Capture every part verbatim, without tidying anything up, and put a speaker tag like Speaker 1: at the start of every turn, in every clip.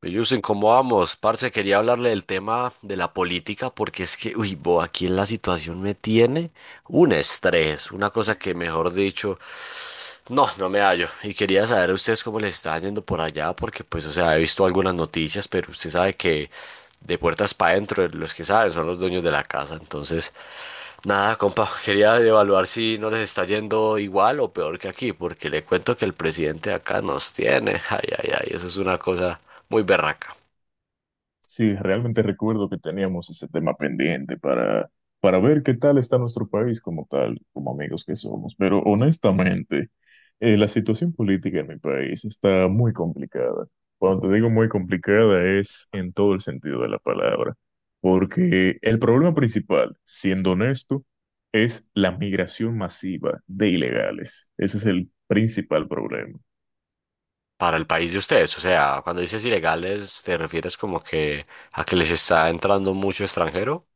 Speaker 1: Bellusen, ¿cómo vamos? Parce, quería hablarle del tema de la política porque es que, uy, bo, aquí en la situación me tiene un estrés, una cosa que, mejor dicho, no, no me hallo. Y quería saber a ustedes cómo les está yendo por allá porque, pues, o sea, he visto algunas noticias, pero usted sabe que de puertas para adentro los que saben son los dueños de la casa. Entonces, nada, compa, quería evaluar si no les está yendo igual o peor que aquí porque le cuento que el presidente de acá nos tiene. Ay, ay, ay, eso es una cosa muy berraca
Speaker 2: Sí, realmente recuerdo que teníamos ese tema pendiente para, para ver qué tal está nuestro país como tal, como amigos que somos. Pero honestamente, eh, la situación política en mi país está muy complicada. Cuando te digo muy complicada es en todo el sentido de la palabra, porque el problema principal, siendo honesto, es la migración masiva de ilegales. Ese es el principal problema.
Speaker 1: para el país de ustedes. O sea, cuando dices ilegales, ¿te refieres como que a que les está entrando mucho extranjero?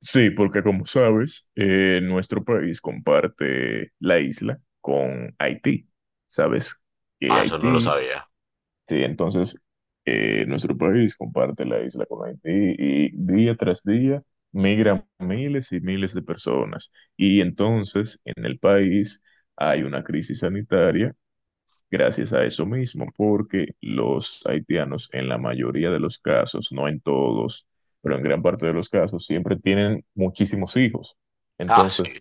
Speaker 2: Sí, porque como sabes, eh, nuestro país comparte la isla con Haití. Sabes que
Speaker 1: Ah, eso no lo
Speaker 2: Haití,
Speaker 1: sabía.
Speaker 2: sí, entonces eh, nuestro país comparte la isla con Haití y día tras día migran miles y miles de personas. Y entonces en el país hay una crisis sanitaria gracias a eso mismo, porque los haitianos en la mayoría de los casos, no en todos, pero en gran parte de los casos, siempre tienen muchísimos hijos.
Speaker 1: Ah, sí,
Speaker 2: Entonces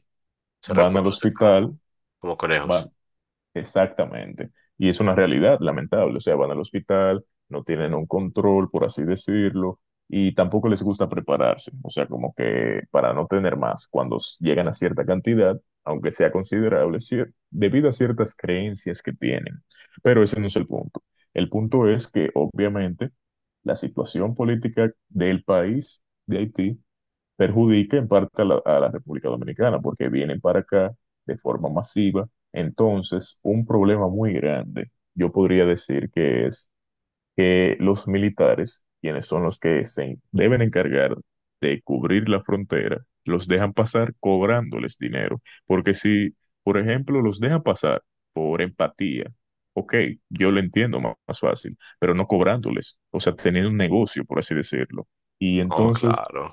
Speaker 1: se
Speaker 2: van al
Speaker 1: reproducen como,
Speaker 2: hospital,
Speaker 1: como conejos.
Speaker 2: van. Exactamente. Y es una realidad lamentable. O sea, van al hospital, no tienen un control, por así decirlo, y tampoco les gusta prepararse. O sea, como que para no tener más, cuando s- llegan a cierta cantidad, aunque sea considerable, cier- debido a ciertas creencias que tienen. Pero ese no es el punto. El punto es que, obviamente, la situación política del país de Haití perjudica en parte a la, a la República Dominicana, porque vienen para acá de forma masiva. Entonces, un problema muy grande, yo podría decir que es que los militares, quienes son los que se en- deben encargar de cubrir la frontera, los dejan pasar cobrándoles dinero. Porque si, por ejemplo, los dejan pasar por empatía, ok, yo lo entiendo ma- más, fácil, pero no cobrándoles, o sea, teniendo un negocio, por así decirlo. Y
Speaker 1: Oh,
Speaker 2: entonces
Speaker 1: claro.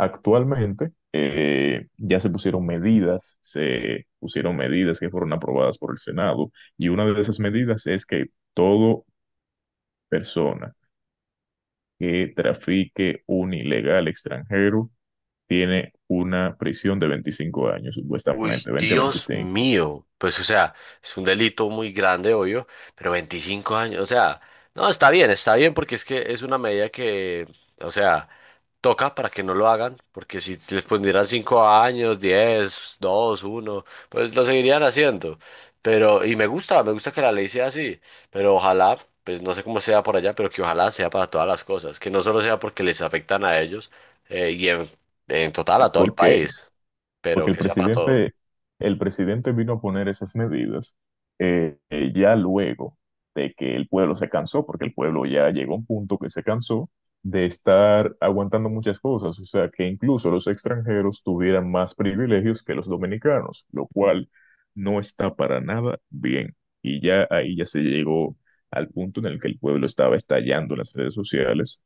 Speaker 2: actualmente eh, ya se pusieron medidas, se pusieron medidas que fueron aprobadas por el Senado y una de esas medidas es que toda persona que trafique un ilegal extranjero tiene una prisión de veinticinco años,
Speaker 1: Uy,
Speaker 2: supuestamente, veinte a
Speaker 1: Dios
Speaker 2: veinticinco,
Speaker 1: mío. Pues, o sea, es un delito muy grande, obvio, pero veinticinco años, o sea, no, está bien, está bien, porque es que es una medida que, o sea, toca para que no lo hagan, porque si les pondrían cinco años, diez, dos, uno, pues lo seguirían haciendo. Pero, y me gusta, me gusta que la ley sea así, pero ojalá, pues no sé cómo sea por allá, pero que ojalá sea para todas las cosas, que no solo sea porque les afectan a ellos, eh, y en, en total a todo el
Speaker 2: porque
Speaker 1: país, pero
Speaker 2: porque el
Speaker 1: que sea para todo.
Speaker 2: presidente, el presidente vino a poner esas medidas eh, eh, ya luego de que el pueblo se cansó, porque el pueblo ya llegó a un punto que se cansó de estar aguantando muchas cosas, o sea, que incluso los extranjeros tuvieran más privilegios que los dominicanos, lo cual no está para nada bien. Y ya ahí ya se llegó al punto en el que el pueblo estaba estallando en las redes sociales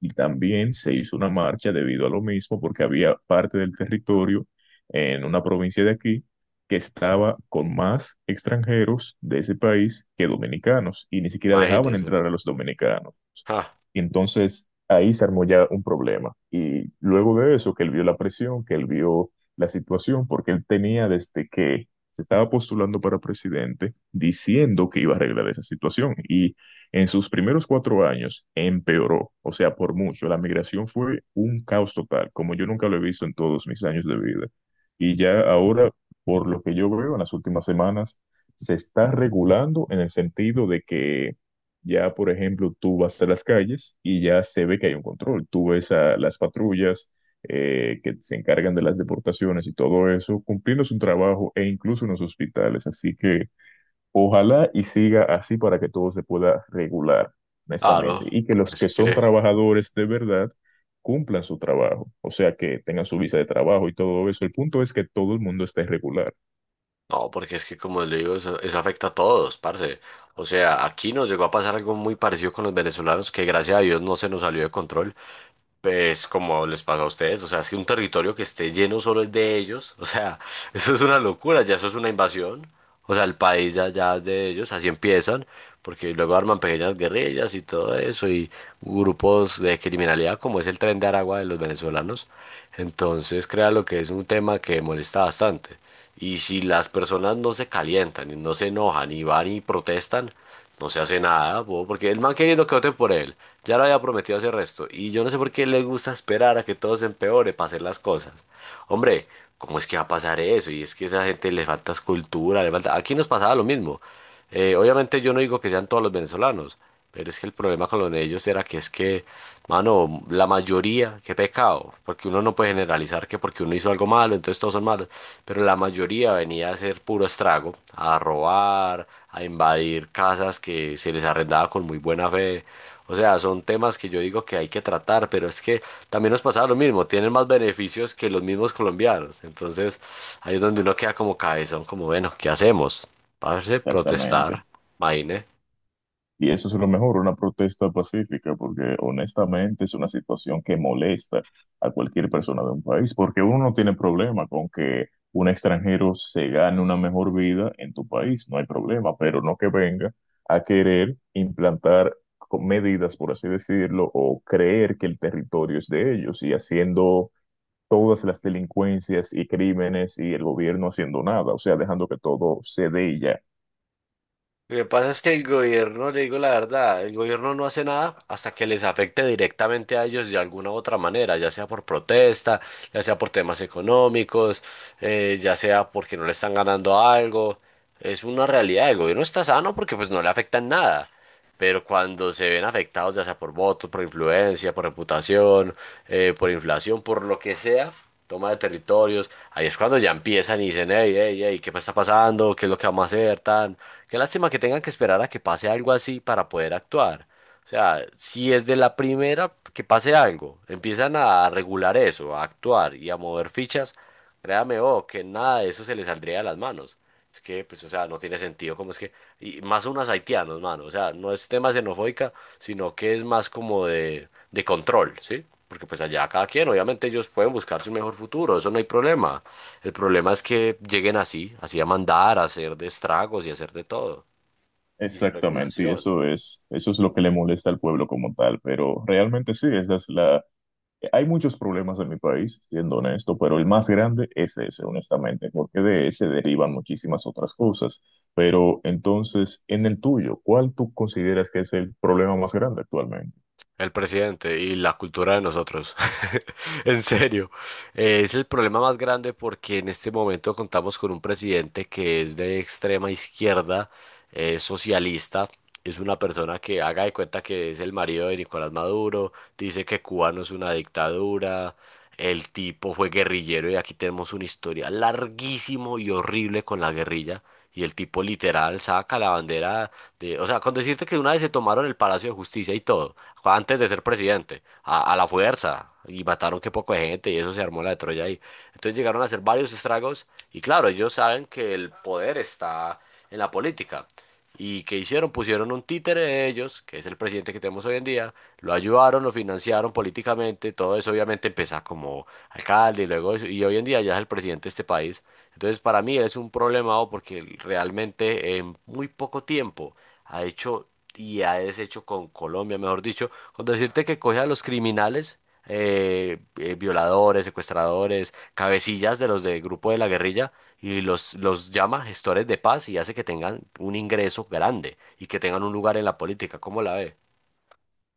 Speaker 2: y también se hizo una marcha debido a lo mismo, porque había parte del territorio en una provincia de aquí que estaba con más extranjeros de ese país que dominicanos y ni siquiera dejaban
Speaker 1: Imagínese.
Speaker 2: entrar a los dominicanos.
Speaker 1: Ah,
Speaker 2: Y entonces ahí se armó ya un problema. Y luego de eso, que él vio la presión, que él vio la situación, porque él tenía desde que se estaba postulando para presidente diciendo que iba a arreglar esa situación. Y en sus primeros cuatro años empeoró, o sea, por mucho. La migración fue un caos total, como yo nunca lo he visto en todos mis años de vida. Y ya ahora, por lo que yo veo en las últimas semanas, se está regulando en el sentido de que ya, por ejemplo, tú vas a las calles y ya se ve que hay un control. Tú ves a las patrullas eh, que se encargan de las deportaciones y todo eso, cumpliendo su trabajo e incluso en los hospitales. Así que ojalá y siga así para que todo se pueda regular,
Speaker 1: claro.
Speaker 2: honestamente, y que
Speaker 1: Porque
Speaker 2: los
Speaker 1: es
Speaker 2: que son
Speaker 1: que,
Speaker 2: trabajadores de verdad cumplan su trabajo, o sea, que tengan su visa de trabajo y todo eso. El punto es que todo el mundo esté regular.
Speaker 1: no, porque es que como le digo, eso, eso afecta a todos, parce. O sea, aquí nos llegó a pasar algo muy parecido con los venezolanos que gracias a Dios no se nos salió de control. Pues como les pasa a ustedes, o sea, es que un territorio que esté lleno solo es de ellos, o sea, eso es una locura, ya eso es una invasión, o sea, el país ya, ya es de ellos, así empiezan, porque luego arman pequeñas guerrillas y todo eso, y grupos de criminalidad como es el Tren de Aragua de los venezolanos, entonces crea lo que es un tema que molesta bastante. Y si las personas no se calientan, y no se enojan y van y protestan, no se hace nada, po, porque el man querido que voten por él, ya lo había prometido hacer resto. Y yo no sé por qué les gusta esperar a que todo se empeore para hacer las cosas. Hombre, ¿cómo es que va a pasar eso? Y es que a esa gente le falta escultura, le falta... Aquí nos pasaba lo mismo. Eh, obviamente yo no digo que sean todos los venezolanos, pero es que el problema con los de ellos era que es que, mano, la mayoría, qué pecado, porque uno no puede generalizar que porque uno hizo algo malo, entonces todos son malos, pero la mayoría venía a hacer puro estrago, a robar, a invadir casas que se les arrendaba con muy buena fe. O sea, son temas que yo digo que hay que tratar, pero es que también nos pasaba lo mismo, tienen más beneficios que los mismos colombianos. Entonces, ahí es donde uno queda como cabezón, como, bueno, ¿qué hacemos? Parce,
Speaker 2: Exactamente.
Speaker 1: protestar, imagine.
Speaker 2: Y eso es lo mejor, una protesta pacífica, porque honestamente es una situación que molesta a cualquier persona de un país, porque uno no tiene problema con que un extranjero se gane una mejor vida en tu país, no hay problema, pero no que venga a querer implantar co- medidas, por así decirlo, o creer que el territorio es de ellos y haciendo todas las delincuencias y crímenes y el gobierno haciendo nada, o sea, dejando que todo se dé y ya.
Speaker 1: Lo que pasa es que el gobierno, le digo la verdad, el gobierno no hace nada hasta que les afecte directamente a ellos de alguna u otra manera, ya sea por protesta, ya sea por temas económicos, eh, ya sea porque no le están ganando algo. Es una realidad, el gobierno está sano porque pues no le afecta en nada pero cuando se ven afectados ya sea por votos, por influencia, por reputación, eh, por inflación, por lo que sea, toma de territorios, ahí es cuando ya empiezan y dicen, hey, hey, hey, ¿qué me está pasando? ¿Qué es lo que vamos a hacer? Tan... Qué lástima que tengan que esperar a que pase algo así para poder actuar. O sea, si es de la primera que pase algo, empiezan a regular eso, a actuar y a mover fichas, créame, oh, que nada de eso se les saldría de las manos. Es que, pues, o sea, no tiene sentido, como es que, y más unos haitianos, mano, o sea, no es tema xenofóbica, sino que es más como de, de control, ¿sí? Porque pues allá cada quien, obviamente ellos pueden buscar su mejor futuro, eso no hay problema. El problema es que lleguen así, así a mandar, a hacer de estragos y a hacer de todo, y sin
Speaker 2: Exactamente, y
Speaker 1: regulación.
Speaker 2: eso es, eso es lo que le molesta al pueblo como tal, pero realmente sí, esa es la... Hay muchos problemas en mi país, siendo honesto, pero el más grande es ese, honestamente, porque de ese derivan muchísimas otras cosas. Pero entonces, en el tuyo, ¿cuál tú consideras que es el problema más grande actualmente?
Speaker 1: El presidente y la cultura de nosotros. En serio, eh, es el problema más grande porque en este momento contamos con un presidente que es de extrema izquierda, eh, socialista. Es una persona que haga de cuenta que es el marido de Nicolás Maduro, dice que Cuba no es una dictadura, el tipo fue guerrillero y aquí tenemos un historial larguísimo y horrible con la guerrilla. Y el tipo literal saca la bandera de, o sea, con decirte que una vez se tomaron el Palacio de Justicia y todo, antes de ser presidente, a, a la fuerza, y mataron que poco de gente, y eso se armó la de Troya ahí. Entonces llegaron a hacer varios estragos, y claro, ellos saben que el poder está en la política. ¿Y qué hicieron? Pusieron un títere de ellos, que es el presidente que tenemos hoy en día, lo ayudaron, lo financiaron políticamente, todo eso obviamente empieza como alcalde y luego eso, y hoy en día ya es el presidente de este país. Entonces para mí él es un problemado porque él realmente en muy poco tiempo ha hecho y ha deshecho con Colombia, mejor dicho, con decirte que coge a los criminales. Eh, eh, violadores, secuestradores, cabecillas de los del grupo de la guerrilla y los, los llama gestores de paz y hace que tengan un ingreso grande y que tengan un lugar en la política. ¿Cómo la ve?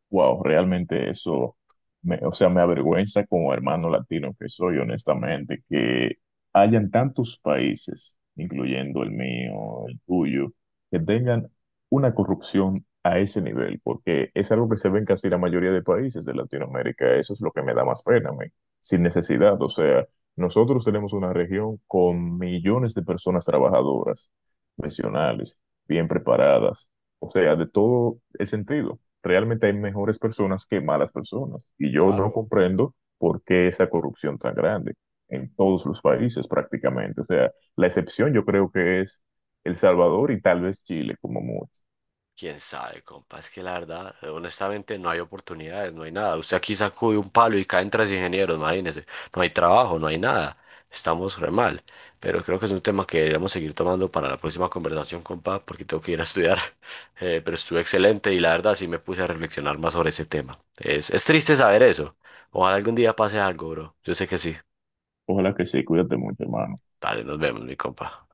Speaker 2: Wow, realmente eso, me, o sea, me avergüenza como hermano latino que soy, honestamente, que hayan tantos países, incluyendo el mío, el tuyo, que tengan una corrupción a ese nivel, porque es algo que se ve en casi la mayoría de países de Latinoamérica. Eso es lo que me da más pena, men, sin necesidad. O sea, nosotros tenemos una región con millones de personas trabajadoras, profesionales, bien preparadas, o sea, de todo el sentido. Realmente hay mejores personas que malas personas y yo no
Speaker 1: Claro.
Speaker 2: comprendo por qué esa corrupción tan grande en todos los países prácticamente. O sea, la excepción yo creo que es El Salvador y tal vez Chile como mucho.
Speaker 1: Quién sabe, compa, es que la verdad, eh, honestamente, no hay oportunidades, no hay nada. Usted aquí sacude un palo y caen tres ingenieros, imagínese. No hay trabajo, no hay nada. Estamos re mal. Pero creo que es un tema que deberíamos seguir tomando para la próxima conversación, compa, porque tengo que ir a estudiar. Eh, pero estuvo excelente y la verdad sí me puse a reflexionar más sobre ese tema. Es, es triste saber eso. Ojalá algún día pase algo, bro. Yo sé que sí.
Speaker 2: Ojalá que sí, cuídate mucho, hermano.
Speaker 1: Dale, nos vemos, mi compa.